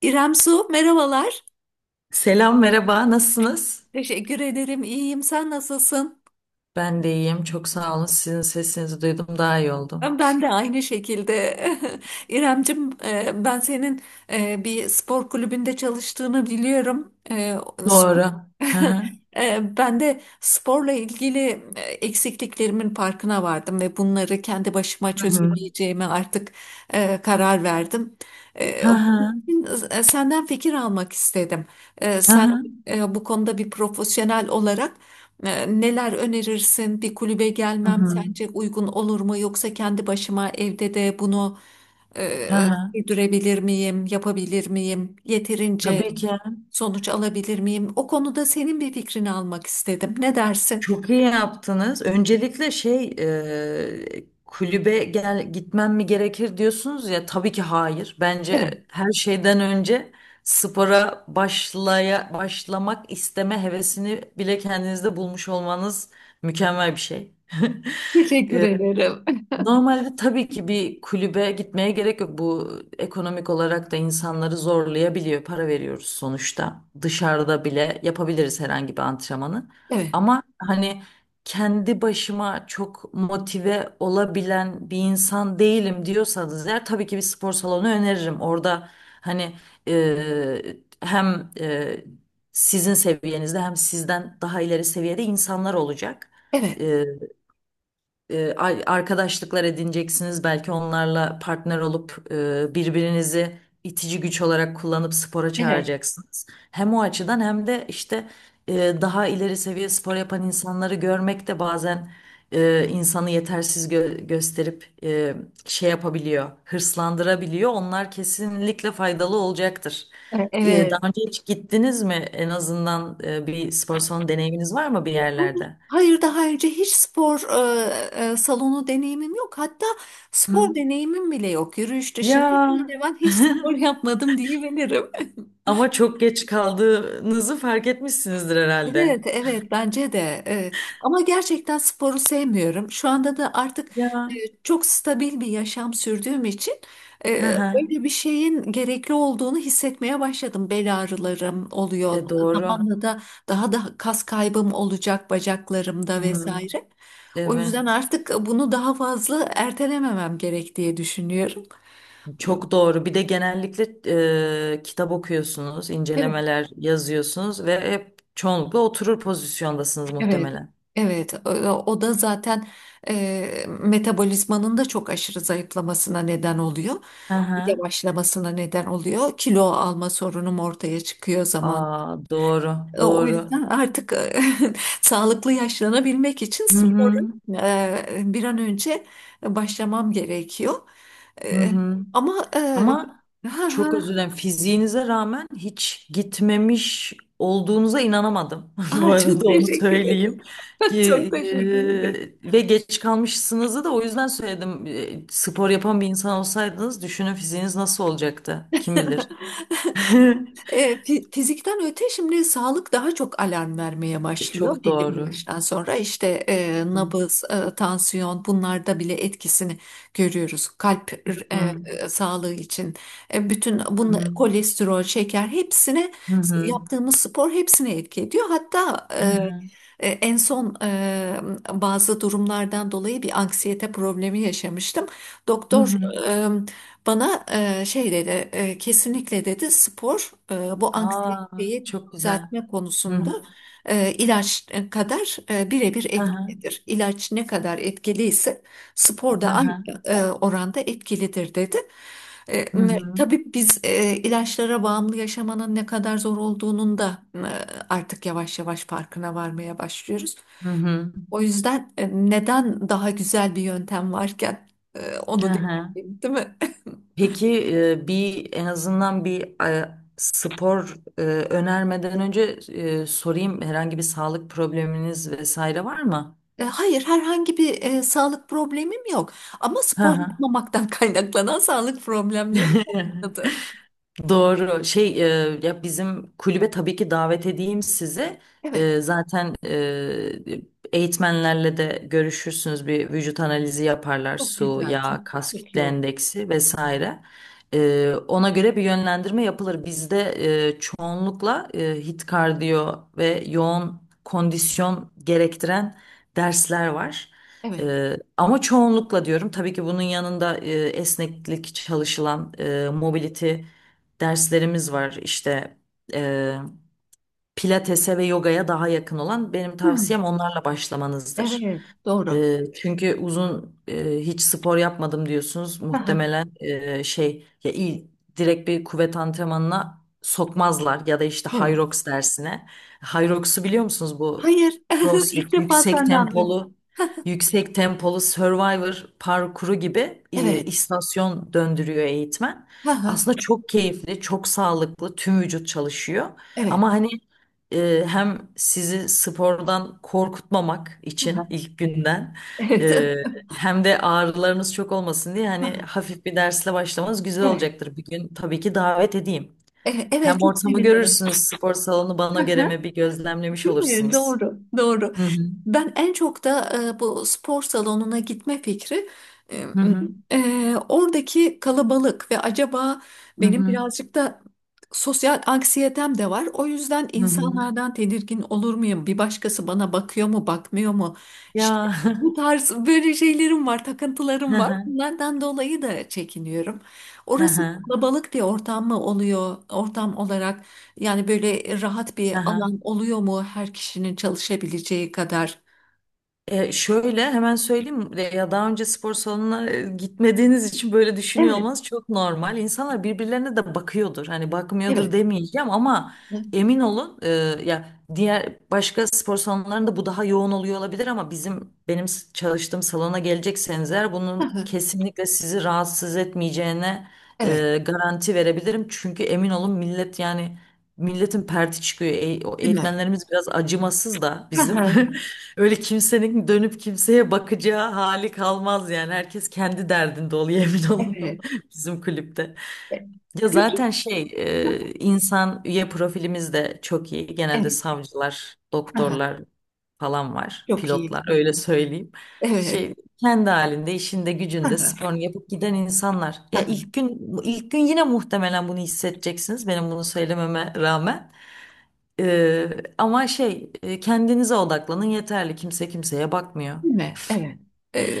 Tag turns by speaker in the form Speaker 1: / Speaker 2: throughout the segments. Speaker 1: İrem Su, merhabalar.
Speaker 2: Selam, merhaba. Nasılsınız?
Speaker 1: Teşekkür ederim, iyiyim. Sen nasılsın?
Speaker 2: Ben de iyiyim. Çok sağ olun. Sizin sesinizi duydum. Daha iyi oldum.
Speaker 1: Ben de aynı şekilde. İremcim, ben senin bir spor kulübünde çalıştığını biliyorum. Sp-
Speaker 2: Doğru. Hı hı.
Speaker 1: Ben de sporla ilgili eksikliklerimin farkına vardım ve bunları kendi başıma
Speaker 2: Hı hı.
Speaker 1: çözemeyeceğime artık karar verdim. E,
Speaker 2: Hı
Speaker 1: Bunun
Speaker 2: hı.
Speaker 1: için, senden fikir almak istedim.
Speaker 2: Hı
Speaker 1: Sen
Speaker 2: hı.
Speaker 1: bu konuda bir profesyonel olarak neler önerirsin? Bir kulübe
Speaker 2: Hı
Speaker 1: gelmem
Speaker 2: hı.
Speaker 1: sence uygun olur mu? Yoksa kendi başıma evde de bunu
Speaker 2: Hı
Speaker 1: e,
Speaker 2: hı.
Speaker 1: sürdürebilir miyim? Yapabilir miyim? Yeterince
Speaker 2: Tabii ki.
Speaker 1: sonuç alabilir miyim? O konuda senin bir fikrini almak istedim. Ne dersin?
Speaker 2: Çok iyi yaptınız. Öncelikle şey kulübe gitmem mi gerekir diyorsunuz ya tabii ki hayır.
Speaker 1: Evet,
Speaker 2: Bence her şeyden önce spora başlamak isteme hevesini bile kendinizde bulmuş olmanız mükemmel bir şey.
Speaker 1: teşekkür ederim.
Speaker 2: Normalde tabii ki bir kulübe gitmeye gerek yok. Bu ekonomik olarak da insanları zorlayabiliyor. Para veriyoruz sonuçta. Dışarıda bile yapabiliriz herhangi bir antrenmanı.
Speaker 1: Evet,
Speaker 2: Ama hani kendi başıma çok motive olabilen bir insan değilim diyorsanız eğer tabii ki bir spor salonu öneririm. Orada hani hem sizin seviyenizde hem sizden daha ileri seviyede insanlar olacak.
Speaker 1: evet.
Speaker 2: E, arkadaşlıklar edineceksiniz. Belki onlarla partner olup birbirinizi itici güç olarak kullanıp spora
Speaker 1: Evet,
Speaker 2: çağıracaksınız. Hem o açıdan hem de işte daha ileri seviye spor yapan insanları görmek de bazen insanı yetersiz gösterip şey yapabiliyor, hırslandırabiliyor. Onlar kesinlikle faydalı olacaktır. Daha
Speaker 1: evet.
Speaker 2: önce hiç gittiniz mi? En azından bir spor salonu deneyiminiz var mı bir
Speaker 1: Hayır,
Speaker 2: yerlerde?
Speaker 1: hayır, daha önce hiç spor salonu deneyimim yok. Hatta spor
Speaker 2: Hı.
Speaker 1: deneyimim bile yok. Yürüyüş dışında
Speaker 2: Ya.
Speaker 1: hemen hemen hiç spor yapmadım diyebilirim.
Speaker 2: Ama çok geç kaldığınızı fark etmişsinizdir herhalde.
Speaker 1: Evet, evet bence de. Evet. Ama gerçekten sporu sevmiyorum. Şu anda da artık e,
Speaker 2: Ya.
Speaker 1: çok stabil bir yaşam sürdüğüm için e,
Speaker 2: Hı hı.
Speaker 1: öyle bir şeyin gerekli olduğunu hissetmeye başladım. Bel ağrılarım oluyor.
Speaker 2: Doğru.
Speaker 1: Zamanla da daha da kas kaybım olacak bacaklarımda
Speaker 2: Hmm,
Speaker 1: vesaire. O yüzden
Speaker 2: evet.
Speaker 1: artık bunu daha fazla ertelememem gerek diye düşünüyorum.
Speaker 2: Çok doğru. Bir de genellikle kitap okuyorsunuz,
Speaker 1: Evet.
Speaker 2: incelemeler yazıyorsunuz ve hep çoğunlukla oturur pozisyondasınız
Speaker 1: Evet,
Speaker 2: muhtemelen.
Speaker 1: evet. O o da zaten metabolizmanın da çok aşırı zayıflamasına neden oluyor.
Speaker 2: Hı hı.
Speaker 1: Yavaşlamasına neden oluyor. Kilo alma sorunum ortaya çıkıyor zaman.
Speaker 2: Aa, doğru,
Speaker 1: O
Speaker 2: doğru.
Speaker 1: yüzden artık sağlıklı yaşlanabilmek için
Speaker 2: Hı
Speaker 1: sporu
Speaker 2: hı.
Speaker 1: bir an önce başlamam gerekiyor.
Speaker 2: Hı
Speaker 1: E,
Speaker 2: hı.
Speaker 1: Ama
Speaker 2: Ama
Speaker 1: ha, ha.
Speaker 2: çok özür dilerim. Fiziğinize rağmen hiç gitmemiş olduğunuza inanamadım. Bu
Speaker 1: Aa, çok
Speaker 2: arada onu
Speaker 1: teşekkür ederim.
Speaker 2: söyleyeyim.
Speaker 1: Çok teşekkür
Speaker 2: Ge-
Speaker 1: ederim.
Speaker 2: ve geç kalmışsınızı da o yüzden söyledim. Spor yapan bir insan olsaydınız düşünün, fiziğiniz nasıl olacaktı? Kim bilir?
Speaker 1: Fizikten öte şimdi sağlık daha çok alarm vermeye başlıyor
Speaker 2: Çok
Speaker 1: belli bir
Speaker 2: doğru.
Speaker 1: yaştan sonra işte
Speaker 2: Hı
Speaker 1: nabız, tansiyon bunlarda bile etkisini görüyoruz. Kalp
Speaker 2: hı.
Speaker 1: sağlığı için bütün
Speaker 2: Hı
Speaker 1: bunla,
Speaker 2: hı.
Speaker 1: kolesterol, şeker hepsine
Speaker 2: Hı hı.
Speaker 1: yaptığımız spor hepsine etki ediyor. Hatta en son bazı durumlardan dolayı bir anksiyete problemi yaşamıştım.
Speaker 2: Hı
Speaker 1: Doktor
Speaker 2: hı.
Speaker 1: e, bana şey dedi, kesinlikle dedi spor bu
Speaker 2: Aa,
Speaker 1: anksiyeteyi
Speaker 2: çok güzel.
Speaker 1: düzeltme
Speaker 2: Hı
Speaker 1: konusunda
Speaker 2: hı.
Speaker 1: ilaç kadar birebir
Speaker 2: Hı hı.
Speaker 1: etkilidir. İlaç ne kadar etkiliyse spor
Speaker 2: Hı
Speaker 1: da aynı
Speaker 2: hı.
Speaker 1: oranda etkilidir dedi.
Speaker 2: Hı hı.
Speaker 1: Tabii biz ilaçlara bağımlı yaşamanın ne kadar zor olduğunun da artık yavaş yavaş farkına varmaya başlıyoruz.
Speaker 2: Hı hı.
Speaker 1: O yüzden neden daha güzel bir yöntem varken
Speaker 2: Hı
Speaker 1: onu
Speaker 2: hı.
Speaker 1: deneyimleyeyim, değil mi?
Speaker 2: Peki bir, en azından bir spor önermeden önce sorayım, herhangi bir sağlık probleminiz vesaire var mı?
Speaker 1: Hayır, herhangi bir sağlık problemim yok. Ama
Speaker 2: Hı
Speaker 1: spor
Speaker 2: hı.
Speaker 1: yapmamaktan kaynaklanan sağlık problemlerim başladı.
Speaker 2: Doğru. Şey ya bizim kulübe tabii ki davet edeyim sizi.
Speaker 1: Evet,
Speaker 2: Zaten eğitmenlerle de görüşürsünüz. Bir vücut analizi yaparlar.
Speaker 1: çok
Speaker 2: Su,
Speaker 1: güzel, çok
Speaker 2: yağ, kas
Speaker 1: çok
Speaker 2: kütle
Speaker 1: iyi oldu.
Speaker 2: endeksi vesaire. Ona göre bir yönlendirme yapılır. Bizde çoğunlukla hit kardiyo ve yoğun kondisyon gerektiren dersler var.
Speaker 1: Evet.
Speaker 2: Ama çoğunlukla diyorum, tabii ki bunun yanında esneklik çalışılan mobility derslerimiz var işte, e, pilatese ve yogaya daha yakın olan. Benim tavsiyem
Speaker 1: Hmm,
Speaker 2: onlarla başlamanızdır.
Speaker 1: evet, doğru.
Speaker 2: Çünkü uzun, hiç spor yapmadım diyorsunuz.
Speaker 1: Aha,
Speaker 2: Muhtemelen şey, ya iyi, direkt bir kuvvet antrenmanına sokmazlar ya da işte
Speaker 1: evet.
Speaker 2: Hyrox dersine. Hyrox'u biliyor musunuz? Bu
Speaker 1: Hayır, ilk
Speaker 2: CrossFit,
Speaker 1: defa senden duydum.
Speaker 2: yüksek tempolu Survivor parkuru gibi,
Speaker 1: Evet,
Speaker 2: istasyon döndürüyor eğitmen.
Speaker 1: aha,
Speaker 2: Aslında çok keyifli, çok sağlıklı, tüm vücut çalışıyor.
Speaker 1: evet,
Speaker 2: Ama hani hem sizi spordan korkutmamak için
Speaker 1: aha,
Speaker 2: ilk günden,
Speaker 1: evet,
Speaker 2: e, hem de ağrılarınız çok olmasın diye hani
Speaker 1: aha,
Speaker 2: hafif bir dersle başlamanız güzel
Speaker 1: evet.
Speaker 2: olacaktır. Bir gün tabii ki davet edeyim. Hem
Speaker 1: Evet, çok
Speaker 2: ortamı
Speaker 1: sevinirim.
Speaker 2: görürsünüz, spor salonu bana göre mi bir gözlemlemiş
Speaker 1: Değil mi?
Speaker 2: olursunuz.
Speaker 1: Doğru, doğru.
Speaker 2: Hı hı,
Speaker 1: Ben en çok da bu spor salonuna gitme fikri e,
Speaker 2: hı hı,
Speaker 1: oradaki kalabalık ve acaba
Speaker 2: hı
Speaker 1: benim
Speaker 2: hı.
Speaker 1: birazcık da sosyal anksiyetem de var. O yüzden
Speaker 2: Hı hı.
Speaker 1: insanlardan tedirgin olur muyum? Bir başkası bana bakıyor mu, bakmıyor mu?
Speaker 2: Ya.
Speaker 1: İşte bu tarz böyle şeylerim var, takıntılarım
Speaker 2: Hı
Speaker 1: var.
Speaker 2: hı,
Speaker 1: Bunlardan dolayı da çekiniyorum.
Speaker 2: hı
Speaker 1: Orası
Speaker 2: hı.
Speaker 1: kalabalık bir ortam mı oluyor, ortam olarak? Yani böyle rahat bir
Speaker 2: Hı hı.
Speaker 1: alan oluyor mu her kişinin çalışabileceği kadar?
Speaker 2: Şöyle hemen söyleyeyim. Ya daha önce spor salonuna gitmediğiniz için böyle düşünüyor
Speaker 1: Evet,
Speaker 2: olmanız çok normal. İnsanlar birbirlerine de bakıyordur. Hani
Speaker 1: evet.
Speaker 2: bakmıyordur demeyeceğim ama
Speaker 1: Hı
Speaker 2: emin olun, ya diğer başka spor salonlarında bu daha yoğun oluyor olabilir ama bizim, benim çalıştığım salona gelecekseniz eğer, bunun
Speaker 1: hı.
Speaker 2: kesinlikle sizi rahatsız etmeyeceğine
Speaker 1: Evet,
Speaker 2: garanti verebilirim. Çünkü emin olun, millet yani milletin perti çıkıyor. O
Speaker 1: değil mi?
Speaker 2: eğitmenlerimiz biraz acımasız da
Speaker 1: Hı
Speaker 2: bizim.
Speaker 1: hı.
Speaker 2: Öyle kimsenin dönüp kimseye bakacağı hali kalmaz yani. Herkes kendi derdinde oluyor, emin olun.
Speaker 1: Evet.
Speaker 2: Bizim kulüpte.
Speaker 1: E,
Speaker 2: Ya zaten
Speaker 1: Peki.
Speaker 2: şey,
Speaker 1: Hı,
Speaker 2: insan üye profilimiz de çok iyi. Genelde
Speaker 1: evet.
Speaker 2: savcılar,
Speaker 1: Hı hı.
Speaker 2: doktorlar falan var.
Speaker 1: Çok iyi.
Speaker 2: Pilotlar,
Speaker 1: Hı,
Speaker 2: öyle söyleyeyim.
Speaker 1: evet.
Speaker 2: Şey, kendi halinde, işinde,
Speaker 1: Hı
Speaker 2: gücünde
Speaker 1: hı,
Speaker 2: sporunu yapıp giden insanlar.
Speaker 1: hı
Speaker 2: Ya
Speaker 1: hı.
Speaker 2: ilk gün, ilk gün yine muhtemelen bunu hissedeceksiniz benim bunu söylememe rağmen. Ee, ama şey, kendinize odaklanın yeterli. Kimse kimseye bakmıyor.
Speaker 1: Değil mi? Evet. e,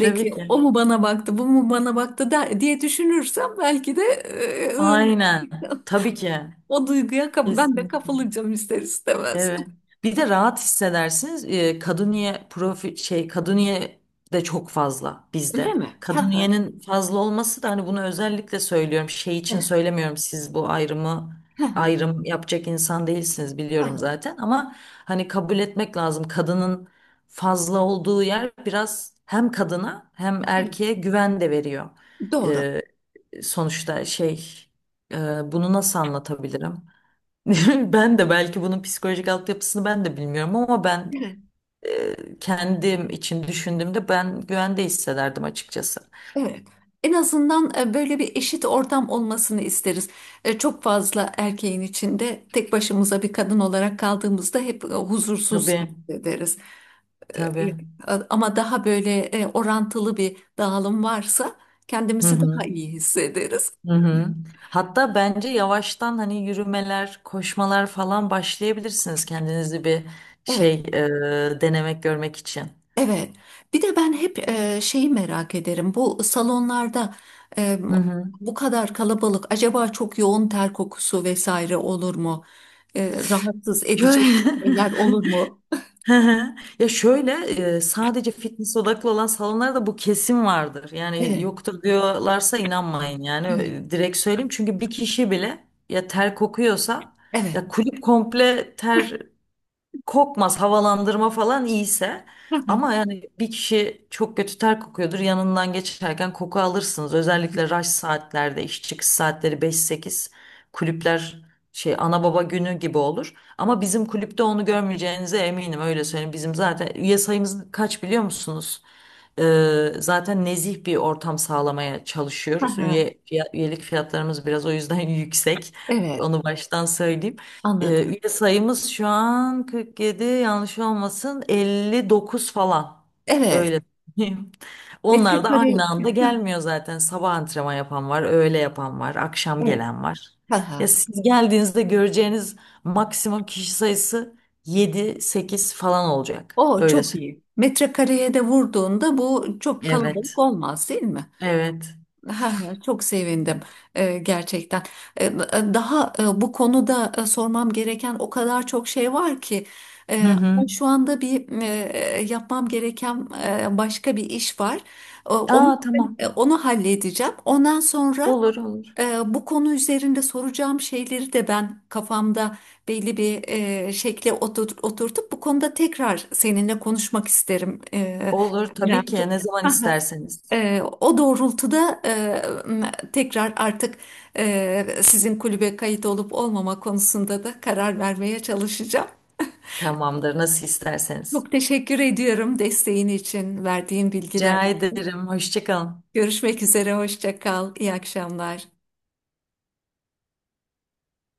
Speaker 2: Tabii ki.
Speaker 1: o mu bana baktı, bu mu bana baktı der, diye düşünürsem belki de
Speaker 2: Aynen. Tabii ki.
Speaker 1: ben de
Speaker 2: Kesinlikle.
Speaker 1: kapılacağım ister istemez.
Speaker 2: Evet. Bir de rahat hissedersiniz. Kaduniye profi, şey, Kaduniye de çok fazla
Speaker 1: Değil
Speaker 2: bizde.
Speaker 1: mi? Hı hı,
Speaker 2: Kaduniye'nin fazla olması da, hani, bunu özellikle söylüyorum. Şey için
Speaker 1: evet.
Speaker 2: söylemiyorum. Siz bu
Speaker 1: Hı hı,
Speaker 2: ayrım yapacak insan değilsiniz,
Speaker 1: hı
Speaker 2: biliyorum
Speaker 1: hı.
Speaker 2: zaten, ama hani kabul etmek lazım. Kadının fazla olduğu yer biraz hem kadına hem
Speaker 1: Evet.
Speaker 2: erkeğe güven de veriyor.
Speaker 1: Doğru.
Speaker 2: Ee, sonuçta şey, bunu nasıl anlatabilirim? Ben de belki bunun psikolojik altyapısını ben de bilmiyorum ama ben
Speaker 1: Evet.
Speaker 2: kendim için düşündüğümde ben güvende hissederdim açıkçası.
Speaker 1: Evet. En azından böyle bir eşit ortam olmasını isteriz. Çok fazla erkeğin içinde tek başımıza bir kadın olarak kaldığımızda hep huzursuz
Speaker 2: Tabii,
Speaker 1: hissederiz. E,
Speaker 2: tabii.
Speaker 1: e, Ama daha böyle orantılı bir dağılım varsa
Speaker 2: Hı
Speaker 1: kendimizi daha
Speaker 2: hı,
Speaker 1: iyi hissederiz.
Speaker 2: hı hı. Hatta bence yavaştan hani yürümeler, koşmalar falan başlayabilirsiniz kendinizi bir
Speaker 1: Evet,
Speaker 2: şey, denemek, görmek için.
Speaker 1: evet. Bir de ben hep şeyi merak ederim. Bu salonlarda e,
Speaker 2: Hı hı.
Speaker 1: bu kadar kalabalık acaba çok yoğun ter kokusu vesaire olur mu? Rahatsız edecek
Speaker 2: Şöyle.
Speaker 1: şeyler olur mu?
Speaker 2: Hı hı. Ya şöyle, sadece fitness odaklı olan salonlarda bu kesin vardır. Yani
Speaker 1: Evet,
Speaker 2: yoktur diyorlarsa inanmayın yani,
Speaker 1: evet,
Speaker 2: Direkt söyleyeyim. Çünkü bir kişi bile ya ter kokuyorsa,
Speaker 1: evet.
Speaker 2: ya kulüp komple ter kokmaz havalandırma falan iyiyse,
Speaker 1: Hı hı.
Speaker 2: ama yani bir kişi çok kötü ter kokuyordur, yanından geçerken koku alırsınız, özellikle rush saatlerde, iş çıkış saatleri 5-8 kulüpler şey ana baba günü gibi olur. Ama bizim kulüpte onu görmeyeceğinize eminim, öyle söyleyeyim. Bizim zaten üye sayımız kaç biliyor musunuz? Zaten nezih bir ortam sağlamaya
Speaker 1: Hı
Speaker 2: çalışıyoruz.
Speaker 1: hı.
Speaker 2: Üyelik fiyatlarımız biraz o yüzden yüksek.
Speaker 1: Evet,
Speaker 2: Onu baştan söyleyeyim.
Speaker 1: anladım.
Speaker 2: Üye sayımız şu an 47, yanlış olmasın, 59 falan.
Speaker 1: Evet,
Speaker 2: Öyle söyleyeyim. Onlar da
Speaker 1: metrekare.
Speaker 2: aynı anda gelmiyor zaten. Sabah antrenman yapan var, öğle yapan var, akşam
Speaker 1: Evet.
Speaker 2: gelen var.
Speaker 1: Hı hı.
Speaker 2: Ya siz geldiğinizde göreceğiniz maksimum kişi sayısı 7-8 falan olacak.
Speaker 1: O
Speaker 2: Öyle
Speaker 1: çok
Speaker 2: söyleyeyim.
Speaker 1: iyi. Metrekareye de vurduğunda bu çok
Speaker 2: Evet.
Speaker 1: kalabalık olmaz, değil mi?
Speaker 2: Evet.
Speaker 1: Ha, çok sevindim gerçekten. E, Daha bu konuda sormam gereken o kadar çok şey var ki
Speaker 2: Hı
Speaker 1: e,
Speaker 2: hı.
Speaker 1: ama şu anda bir yapmam gereken başka bir iş var. Onu
Speaker 2: Aa, tamam.
Speaker 1: onu halledeceğim. Ondan sonra
Speaker 2: Olur olur.
Speaker 1: bu konu üzerinde soracağım şeyleri de ben kafamda belli bir şekle oturtup bu konuda tekrar seninle konuşmak isterim.
Speaker 2: Olur tabii ki,
Speaker 1: İremciğim.
Speaker 2: ne zaman isterseniz.
Speaker 1: O doğrultuda tekrar artık sizin kulübe kayıt olup olmama konusunda da karar vermeye çalışacağım.
Speaker 2: Tamamdır, nasıl isterseniz.
Speaker 1: Çok teşekkür ediyorum desteğin için, verdiğin bilgiler.
Speaker 2: Rica ederim. Hoşça kalın.
Speaker 1: Görüşmek üzere, hoşça kal, iyi akşamlar.